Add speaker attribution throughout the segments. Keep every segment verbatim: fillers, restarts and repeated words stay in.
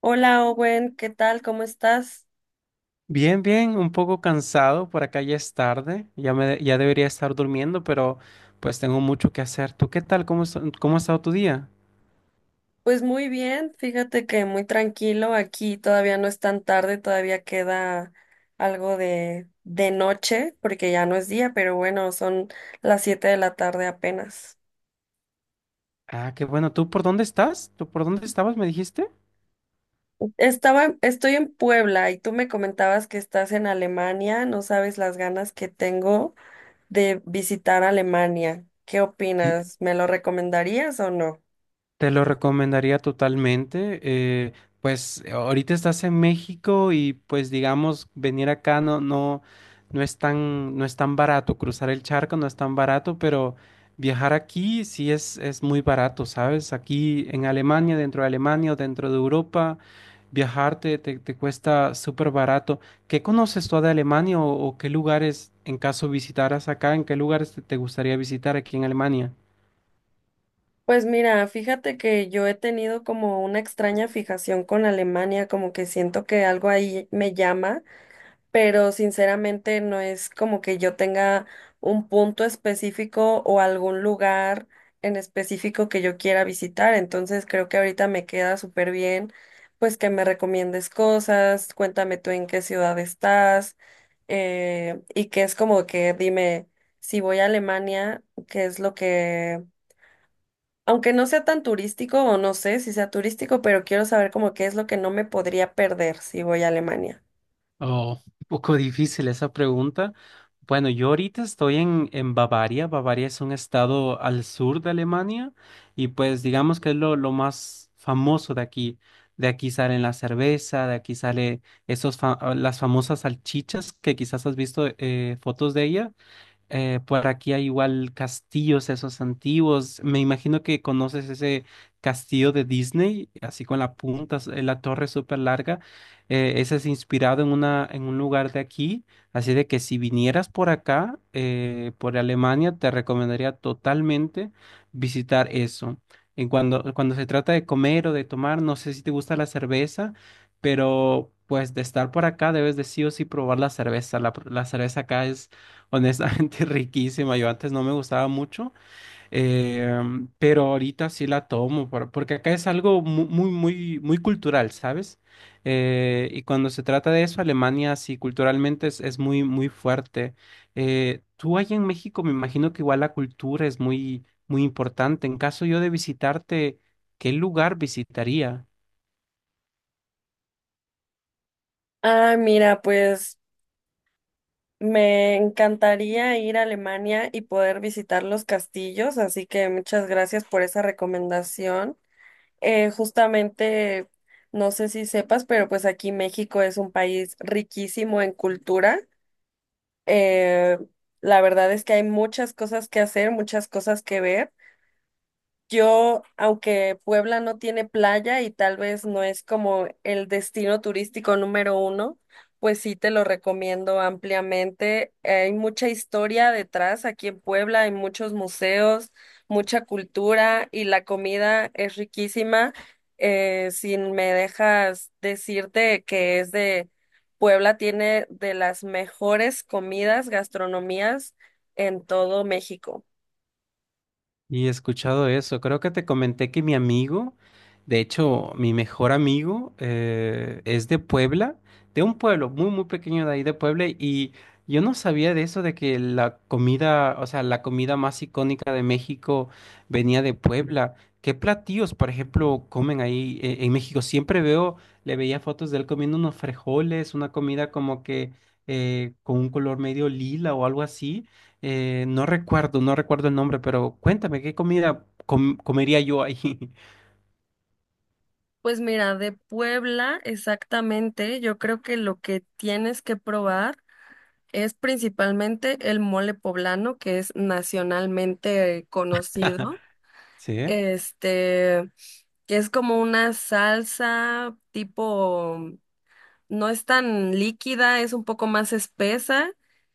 Speaker 1: Hola Owen, ¿qué tal? ¿Cómo estás?
Speaker 2: Bien, bien, un poco cansado, por acá ya es tarde, ya me, ya debería estar durmiendo, pero pues tengo mucho que hacer. ¿Tú qué tal? ¿Cómo, es- Cómo ha estado tu día?
Speaker 1: Pues muy bien, fíjate que muy tranquilo, aquí todavía no es tan tarde, todavía queda algo de, de noche, porque ya no es día, pero bueno, son las siete de la tarde apenas.
Speaker 2: Ah, qué bueno. ¿Tú por dónde estás? ¿Tú por dónde estabas, me dijiste?
Speaker 1: Estaba, estoy en Puebla y tú me comentabas que estás en Alemania, no sabes las ganas que tengo de visitar Alemania. ¿Qué opinas? ¿Me lo recomendarías o no?
Speaker 2: Te lo recomendaría totalmente. Eh, pues eh, ahorita estás en México y pues digamos, venir acá no, no, no es tan, no es tan barato. Cruzar el charco no es tan barato, pero viajar aquí sí es, es muy barato, ¿sabes? Aquí en Alemania, dentro de Alemania o dentro de Europa, viajarte te, te te cuesta súper barato. ¿Qué conoces tú de Alemania o, o qué lugares, en caso visitaras acá, en qué lugares te te gustaría visitar aquí en Alemania?
Speaker 1: Pues mira, fíjate que yo he tenido como una extraña fijación con Alemania, como que siento que algo ahí me llama, pero sinceramente no es como que yo tenga un punto específico o algún lugar en específico que yo quiera visitar, entonces creo que ahorita me queda súper bien, pues que me recomiendes cosas, cuéntame tú en qué ciudad estás, eh, y que es como que dime si voy a Alemania, qué es lo que, aunque no sea tan turístico, o no sé si sea turístico, pero quiero saber como qué es lo que no me podría perder si voy a Alemania.
Speaker 2: Oh, un poco difícil esa pregunta. Bueno, yo ahorita estoy en, en Bavaria. Bavaria es un estado al sur de Alemania y pues digamos que es lo, lo más famoso de aquí. De aquí salen la cerveza, de aquí sale esos fa- ah, las famosas salchichas que quizás has visto eh, fotos de ella. Eh, por aquí hay igual castillos esos antiguos. Me imagino que conoces ese castillo de Disney, así con la punta, s- eh, la torre súper larga. Eh, ese es inspirado en una, en un lugar de aquí. Así de que si vinieras por acá, eh, por Alemania, te recomendaría totalmente visitar eso. En cuando, cuando se trata de comer o de tomar, no sé si te gusta la cerveza, pero pues de estar por acá debes de sí o sí probar la cerveza. La, la cerveza acá es, honestamente, riquísima. Yo antes no me gustaba mucho, eh, pero ahorita sí la tomo, por- porque acá es algo mu- muy, muy, muy, cultural, ¿sabes? Eh, y cuando se trata de eso, Alemania sí culturalmente es, es muy, muy fuerte. Eh, tú allá en México me imagino que igual la cultura es muy, muy importante. En caso yo de visitarte, ¿qué lugar visitaría?
Speaker 1: Ah, mira, pues me encantaría ir a Alemania y poder visitar los castillos, así que muchas gracias por esa recomendación. Eh, justamente, no sé si sepas, pero pues aquí México es un país riquísimo en cultura. Eh, la verdad es que hay muchas cosas que hacer, muchas cosas que ver. Yo, aunque Puebla no tiene playa y tal vez no es como el destino turístico número uno, pues sí te lo recomiendo ampliamente. Hay mucha historia detrás aquí en Puebla, hay muchos museos, mucha cultura y la comida es riquísima. Eh, si me dejas decirte, que es de Puebla, tiene de las mejores comidas, gastronomías en todo México.
Speaker 2: Y he escuchado eso. Creo que te comenté que mi amigo, de hecho, mi mejor amigo, eh, es de Puebla, de un pueblo muy, muy pequeño de ahí de Puebla. Y yo no sabía de eso, de que la comida, o sea, la comida más icónica de México venía de Puebla. ¿Qué platillos, por ejemplo, comen ahí, eh, en México? Siempre veo, le veía fotos de él comiendo unos frijoles, una comida como que eh, con un color medio lila o algo así. Eh, no recuerdo, no recuerdo el nombre, pero cuéntame, ¿qué comida com- comería yo ahí?
Speaker 1: Pues mira, de Puebla exactamente, yo creo que lo que tienes que probar es principalmente el mole poblano, que es nacionalmente eh, conocido.
Speaker 2: ¿Sí?
Speaker 1: Este, que es como una salsa tipo, mm, no es tan líquida, es un poco más espesa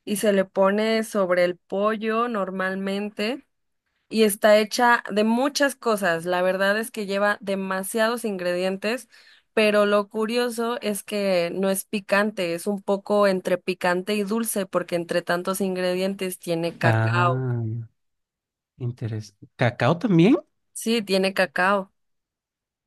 Speaker 1: y se le pone sobre el pollo normalmente, y está hecha de muchas cosas. La verdad es que lleva demasiados ingredientes, pero lo curioso es que no es picante, es un poco entre picante y dulce, porque entre tantos ingredientes tiene cacao.
Speaker 2: Ah, interesante. ¿Cacao también?
Speaker 1: Sí, tiene cacao.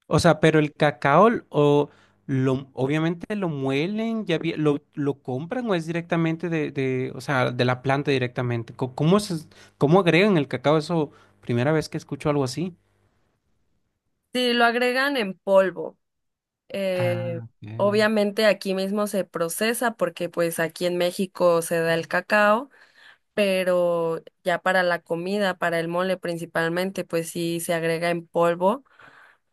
Speaker 2: O sea, pero el cacao l- o lo, obviamente lo muelen, ya vi- lo, lo compran o es directamente de, de, o sea, de la planta directamente. Co- ¿Cómo se, Cómo agregan el cacao? Eso, primera vez que escucho algo así.
Speaker 1: Sí, lo agregan en polvo. Eh,
Speaker 2: Ah, ok.
Speaker 1: Obviamente aquí mismo se procesa, porque pues aquí en México se da el cacao. Pero ya para la comida, para el mole principalmente, pues sí se agrega en polvo,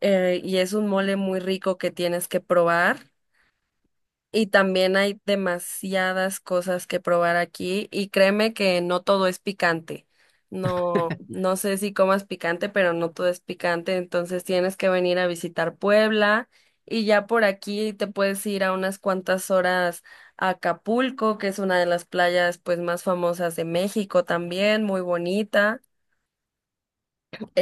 Speaker 1: eh, y es un mole muy rico que tienes que probar. Y también hay demasiadas cosas que probar aquí, y créeme que no todo es picante. No, no sé si comas picante, pero no todo es picante, entonces tienes que venir a visitar Puebla y ya por aquí te puedes ir a unas cuantas horas a Acapulco, que es una de las playas pues más famosas de México también, muy bonita.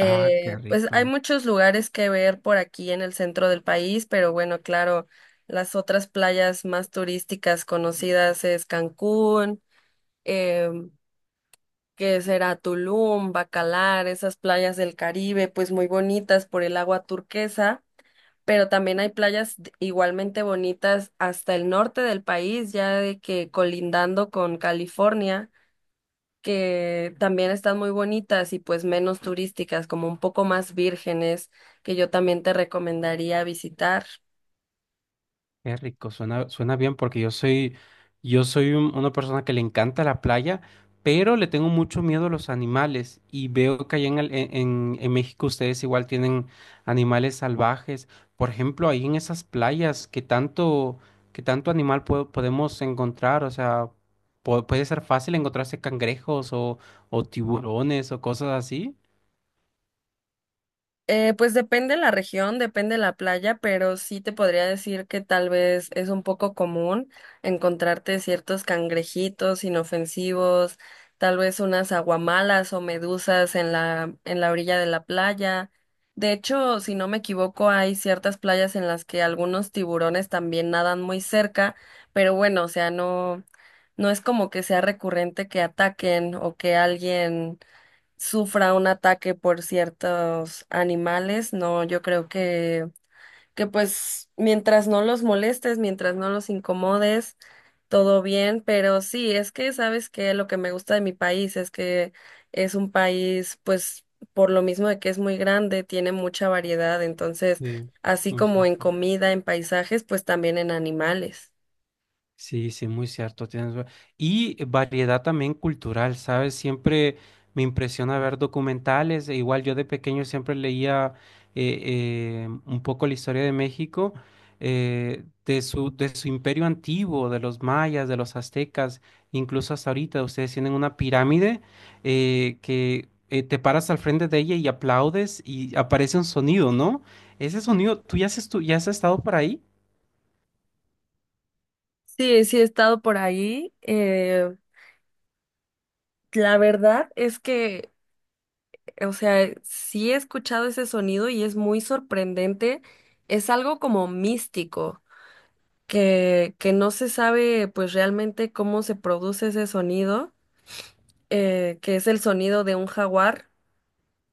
Speaker 2: Ah, qué
Speaker 1: Pues hay
Speaker 2: rico.
Speaker 1: muchos lugares que ver por aquí en el centro del país, pero bueno, claro, las otras playas más turísticas conocidas es Cancún, em, que será Tulum, Bacalar, esas playas del Caribe, pues muy bonitas por el agua turquesa, pero también hay playas d- igualmente bonitas hasta el norte del país, ya de que colindando con California, que también están muy bonitas y pues menos turísticas, como un poco más vírgenes, que yo también te recomendaría visitar.
Speaker 2: Qué rico, suena, suena bien porque yo soy, yo soy un- una persona que le encanta la playa, pero le tengo mucho miedo a los animales y veo que allá en, el- en, en- en México ustedes igual tienen animales salvajes. Por ejemplo, ahí en esas playas, ¿qué tanto, ¿qué tanto animal po- podemos encontrar? O sea, po- puede ser fácil encontrarse cangrejos o, o tiburones o cosas así.
Speaker 1: Eh, pues depende la región, depende la playa, pero sí te podría decir que tal vez es un poco común encontrarte ciertos cangrejitos inofensivos, tal vez unas aguamalas o medusas en la, en la orilla de la playa. De hecho, si no me equivoco, hay ciertas playas en las que algunos tiburones también nadan muy cerca, pero bueno, o sea, no, no es como que sea recurrente que ataquen o que alguien sufra un ataque por ciertos animales, no, yo creo que, que pues mientras no los molestes, mientras no los incomodes, todo bien, pero sí, es que sabes que lo que me gusta de mi país es que es un país, pues, por lo mismo de que es muy grande, tiene mucha variedad, entonces,
Speaker 2: Sí,
Speaker 1: así
Speaker 2: muy
Speaker 1: como en
Speaker 2: cierto.
Speaker 1: comida, en paisajes, pues también en animales.
Speaker 2: Sí, sí, muy cierto. tienes va- Y variedad también cultural, ¿sabes? Siempre me impresiona ver documentales. E igual yo de pequeño siempre leía eh, eh, un poco la historia de México, eh, de su, de su imperio antiguo, de los mayas, de los aztecas, incluso hasta ahorita. Ustedes tienen una pirámide eh, que eh, te paras al frente de ella y aplaudes y aparece un sonido, ¿no? Ese sonido, ¿tú ya has, estu- ya has estado por ahí?
Speaker 1: Sí, sí he estado por ahí. Eh, la verdad es que, o sea, sí he escuchado ese sonido y es muy sorprendente. Es algo como místico, que, que no se sabe pues realmente cómo se produce ese sonido, eh, que es el sonido de un jaguar,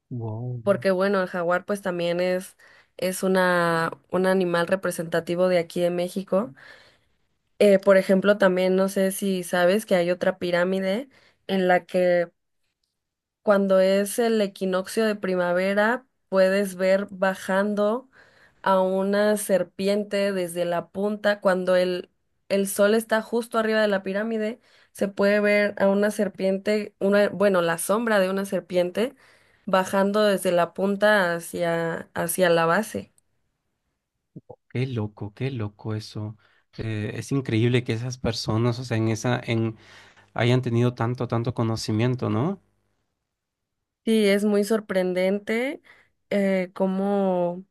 Speaker 2: Wow.
Speaker 1: porque bueno, el jaguar pues también es, es una, un animal representativo de aquí de México. Eh, por ejemplo, también no sé si sabes que hay otra pirámide en la que, cuando es el equinoccio de primavera, puedes ver bajando a una serpiente desde la punta. Cuando el, el sol está justo arriba de la pirámide, se puede ver a una serpiente, una, bueno, la sombra de una serpiente, bajando desde la punta hacia, hacia la base.
Speaker 2: Qué loco, qué loco eso. Eh, es increíble que esas personas, o sea, en esa, en, hayan tenido tanto, tanto conocimiento, ¿no?
Speaker 1: Sí, es muy sorprendente eh, cómo,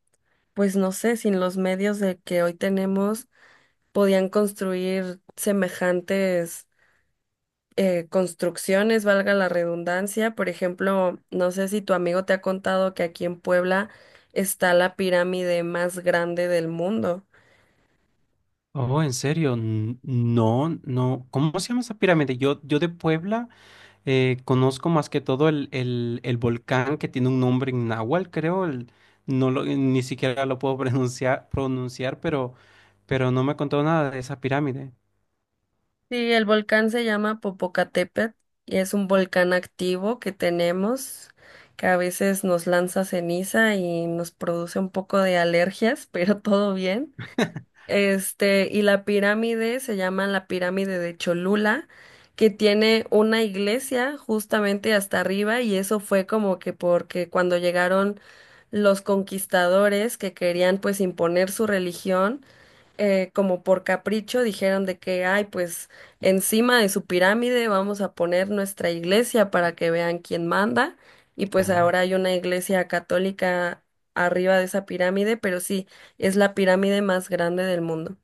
Speaker 1: pues no sé, sin los medios de que hoy tenemos, podían construir semejantes eh, construcciones, valga la redundancia. Por ejemplo, no sé si tu amigo te ha contado que aquí en Puebla está la pirámide más grande del mundo.
Speaker 2: Oh, en serio, n- no, no. ¿Cómo se llama esa pirámide? Yo, yo de Puebla eh, conozco más que todo el, el, el volcán que tiene un nombre en náhuatl, creo. El- no lo, ni siquiera lo puedo pronunciar, pronunciar, pero, pero no me contó nada de esa pirámide.
Speaker 1: Sí, el volcán se llama Popocatépetl y es un volcán activo que tenemos, que a veces nos lanza ceniza y nos produce un poco de alergias, pero todo bien. Este, y la pirámide se llama la pirámide de Cholula, que tiene una iglesia justamente hasta arriba, y eso fue como que porque cuando llegaron los conquistadores que querían pues imponer su religión, eh, como por capricho dijeron de que, ay, pues encima de su pirámide vamos a poner nuestra iglesia para que vean quién manda. Y pues
Speaker 2: Claro.
Speaker 1: ahora hay una iglesia católica arriba de esa pirámide, pero sí, es la pirámide más grande del mundo.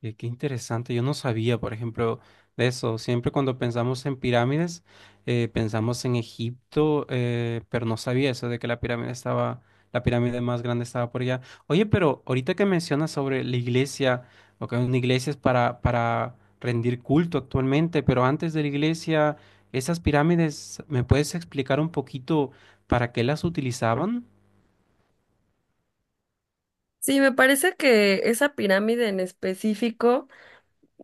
Speaker 2: Qué, qué interesante, yo no sabía, por ejemplo, de eso. Siempre cuando pensamos en pirámides, eh, pensamos en Egipto, eh, pero no sabía eso de que la pirámide estaba, la pirámide más grande estaba por allá. Oye, pero ahorita que mencionas sobre la iglesia, o que una iglesia es para, para rendir culto actualmente, pero antes de la iglesia, esas pirámides, ¿me puedes explicar un poquito para qué las utilizaban?
Speaker 1: Sí, me parece que esa pirámide en específico.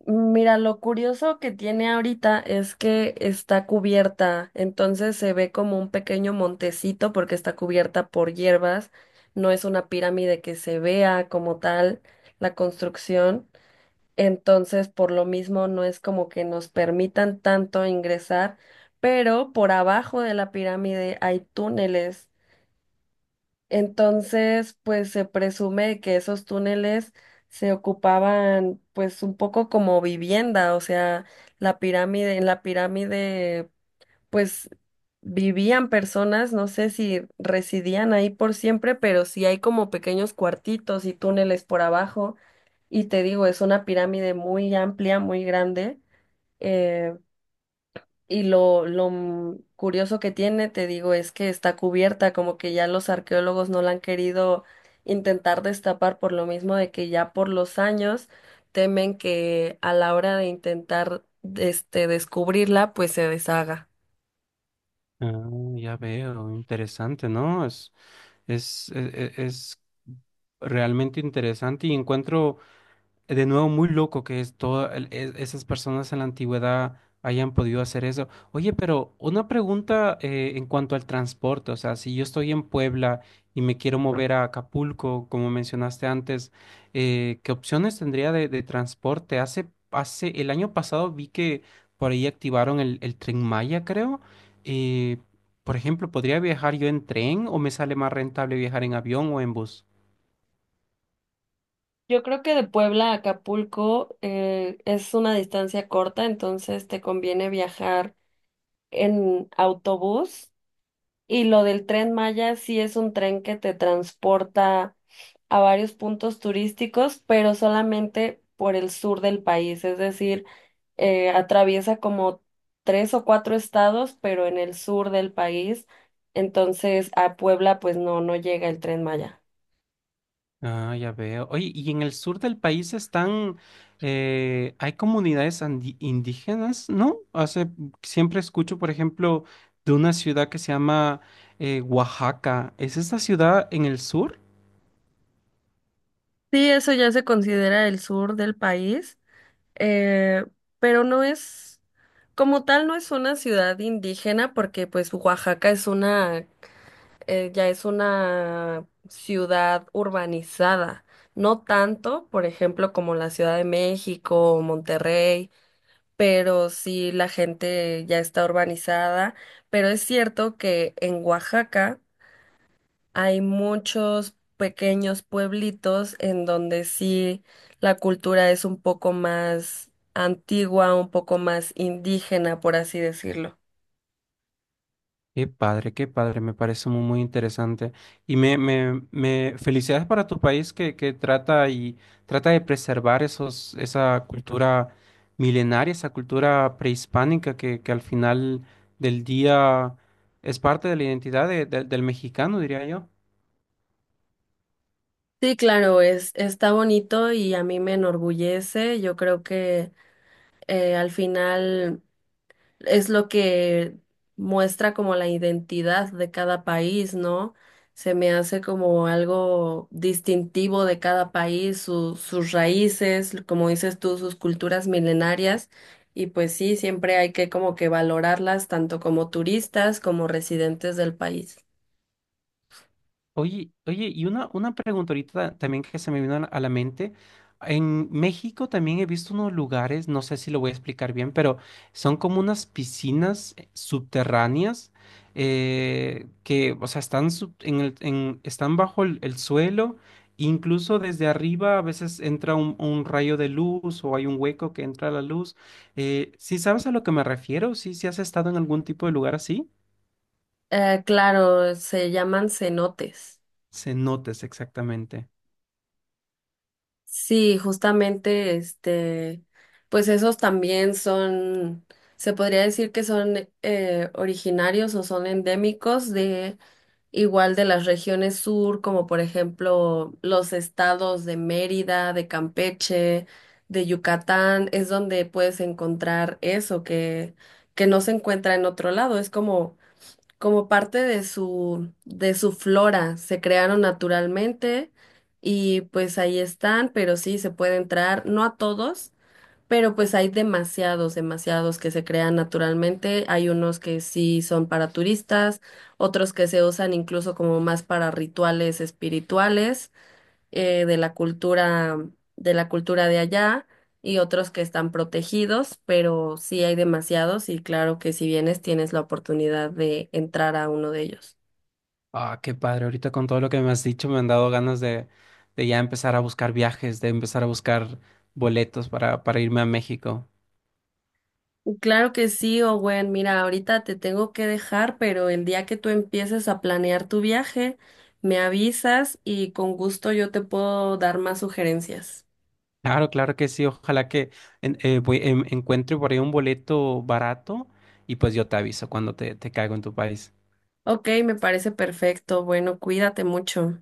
Speaker 1: Mira, lo curioso que tiene ahorita es que está cubierta, entonces se ve como un pequeño montecito porque está cubierta por hierbas, no es una pirámide que se vea como tal la construcción, entonces por lo mismo no es como que nos permitan tanto ingresar, pero por abajo de la pirámide hay túneles. Entonces, pues se presume que esos túneles se ocupaban pues un poco como vivienda, o sea, la pirámide, en la pirámide pues vivían personas, no sé si residían ahí por siempre, pero sí hay como pequeños cuartitos y túneles por abajo. Y te digo, es una pirámide muy amplia, muy grande. eh, y lo, lo m- curioso que tiene, te digo, es que está cubierta, como que ya los arqueólogos no la han querido intentar destapar por lo mismo de que ya por los años temen que, a la hora de intentar este descubrirla, pues se deshaga.
Speaker 2: Ah, ya veo, interesante, ¿no? Es Es, e- e- es realmente interesante y encuentro, de nuevo, muy loco que es todo el- e- esas personas en la antigüedad hayan podido hacer eso. Oye, pero una pregunta, eh, en cuanto al transporte, o sea, si yo estoy en Puebla y me quiero mover a Acapulco, como mencionaste antes, eh, ¿qué opciones tendría de, de transporte? Hace, hace, el año pasado vi que por ahí activaron el, el Tren Maya, creo. Eh, por ejemplo, ¿podría viajar yo en tren o me sale más rentable viajar en avión o en bus?
Speaker 1: Yo creo que de Puebla a Acapulco eh, es una distancia corta, entonces te conviene viajar en autobús. Y lo del Tren Maya sí es un tren que te transporta a varios puntos turísticos, pero solamente por el sur del país, es decir, eh, atraviesa como tres o cuatro estados, pero en el sur del país, entonces a Puebla pues no, no llega el Tren Maya.
Speaker 2: Ah, ya veo. Oye, ¿y en el sur del país están, eh, hay comunidades andi- indígenas, ¿no? Hace, siempre escucho, por ejemplo, de una ciudad que se llama eh, Oaxaca. ¿Es esta ciudad en el sur?
Speaker 1: Sí, eso ya se considera el sur del país, eh, pero no es, como tal, no es una ciudad indígena, porque pues Oaxaca es una eh, ya es una ciudad urbanizada, no tanto, por ejemplo, como la Ciudad de México o Monterrey, pero sí la gente ya está urbanizada, pero es cierto que en Oaxaca hay muchos pequeños pueblitos en donde sí la cultura es un poco más antigua, un poco más indígena, por así decirlo.
Speaker 2: Qué padre, qué padre, me parece muy, muy interesante. Y me, me, me felicidades para tu país que, que trata y trata de preservar esos, esa cultura milenaria, esa cultura prehispánica que, que al final del día es parte de la identidad de- de- del mexicano, diría yo.
Speaker 1: Sí, claro, es, está bonito y a mí me enorgullece. Yo creo que, eh, al final, es lo que muestra como la identidad de cada país, ¿no? Se me hace como algo distintivo de cada país, su- sus raíces, como dices tú, sus culturas milenarias. Y pues sí, siempre hay que como que valorarlas tanto como turistas como residentes del país.
Speaker 2: Oye, oye, y una, una pregunta ahorita también que se me vino a la a la mente. En México también he visto unos lugares, no sé si lo voy a explicar bien, pero son como unas piscinas, eh, subterráneas, eh, que, o sea, están, sub- en el- en- están bajo el, el suelo, incluso desde arriba a veces entra un, un rayo de luz o hay un hueco que entra la luz. Eh, ¿sí sabes a lo que me refiero? ¿Sí, sí has estado en algún tipo de lugar así?
Speaker 1: Eh, claro, se llaman cenotes.
Speaker 2: Cenotes, exactamente.
Speaker 1: Sí, justamente, este, pues esos también son, se podría decir que son eh, originarios o son endémicos de, igual, de las regiones sur, como por ejemplo los estados de Mérida, de Campeche, de Yucatán, es donde puedes encontrar eso que, que no se encuentra en otro lado. Es como como parte de su, de su flora, se crearon naturalmente y pues ahí están, pero sí se puede entrar, no a todos, pero pues hay demasiados, demasiados que se crean naturalmente, hay unos que sí son para turistas, otros que se usan incluso como más para rituales espirituales eh, de la cultura, de la cultura de allá, y otros que están protegidos, pero sí hay demasiados, y claro que si vienes tienes la oportunidad de entrar a uno de ellos.
Speaker 2: Ah, qué padre. Ahorita con todo lo que me has dicho me han dado ganas de, de ya empezar a buscar viajes, de empezar a buscar boletos para, para irme a México.
Speaker 1: Claro que sí, Owen. Mira, ahorita te tengo que dejar, pero el día que tú empieces a planear tu viaje, me avisas y con gusto yo te puedo dar más sugerencias.
Speaker 2: Claro, claro que sí. Ojalá que en- eh, voy- em- encuentre por ahí un boleto barato y pues yo te aviso cuando te, te caigo en tu país.
Speaker 1: Ok, me parece perfecto. Bueno, cuídate mucho.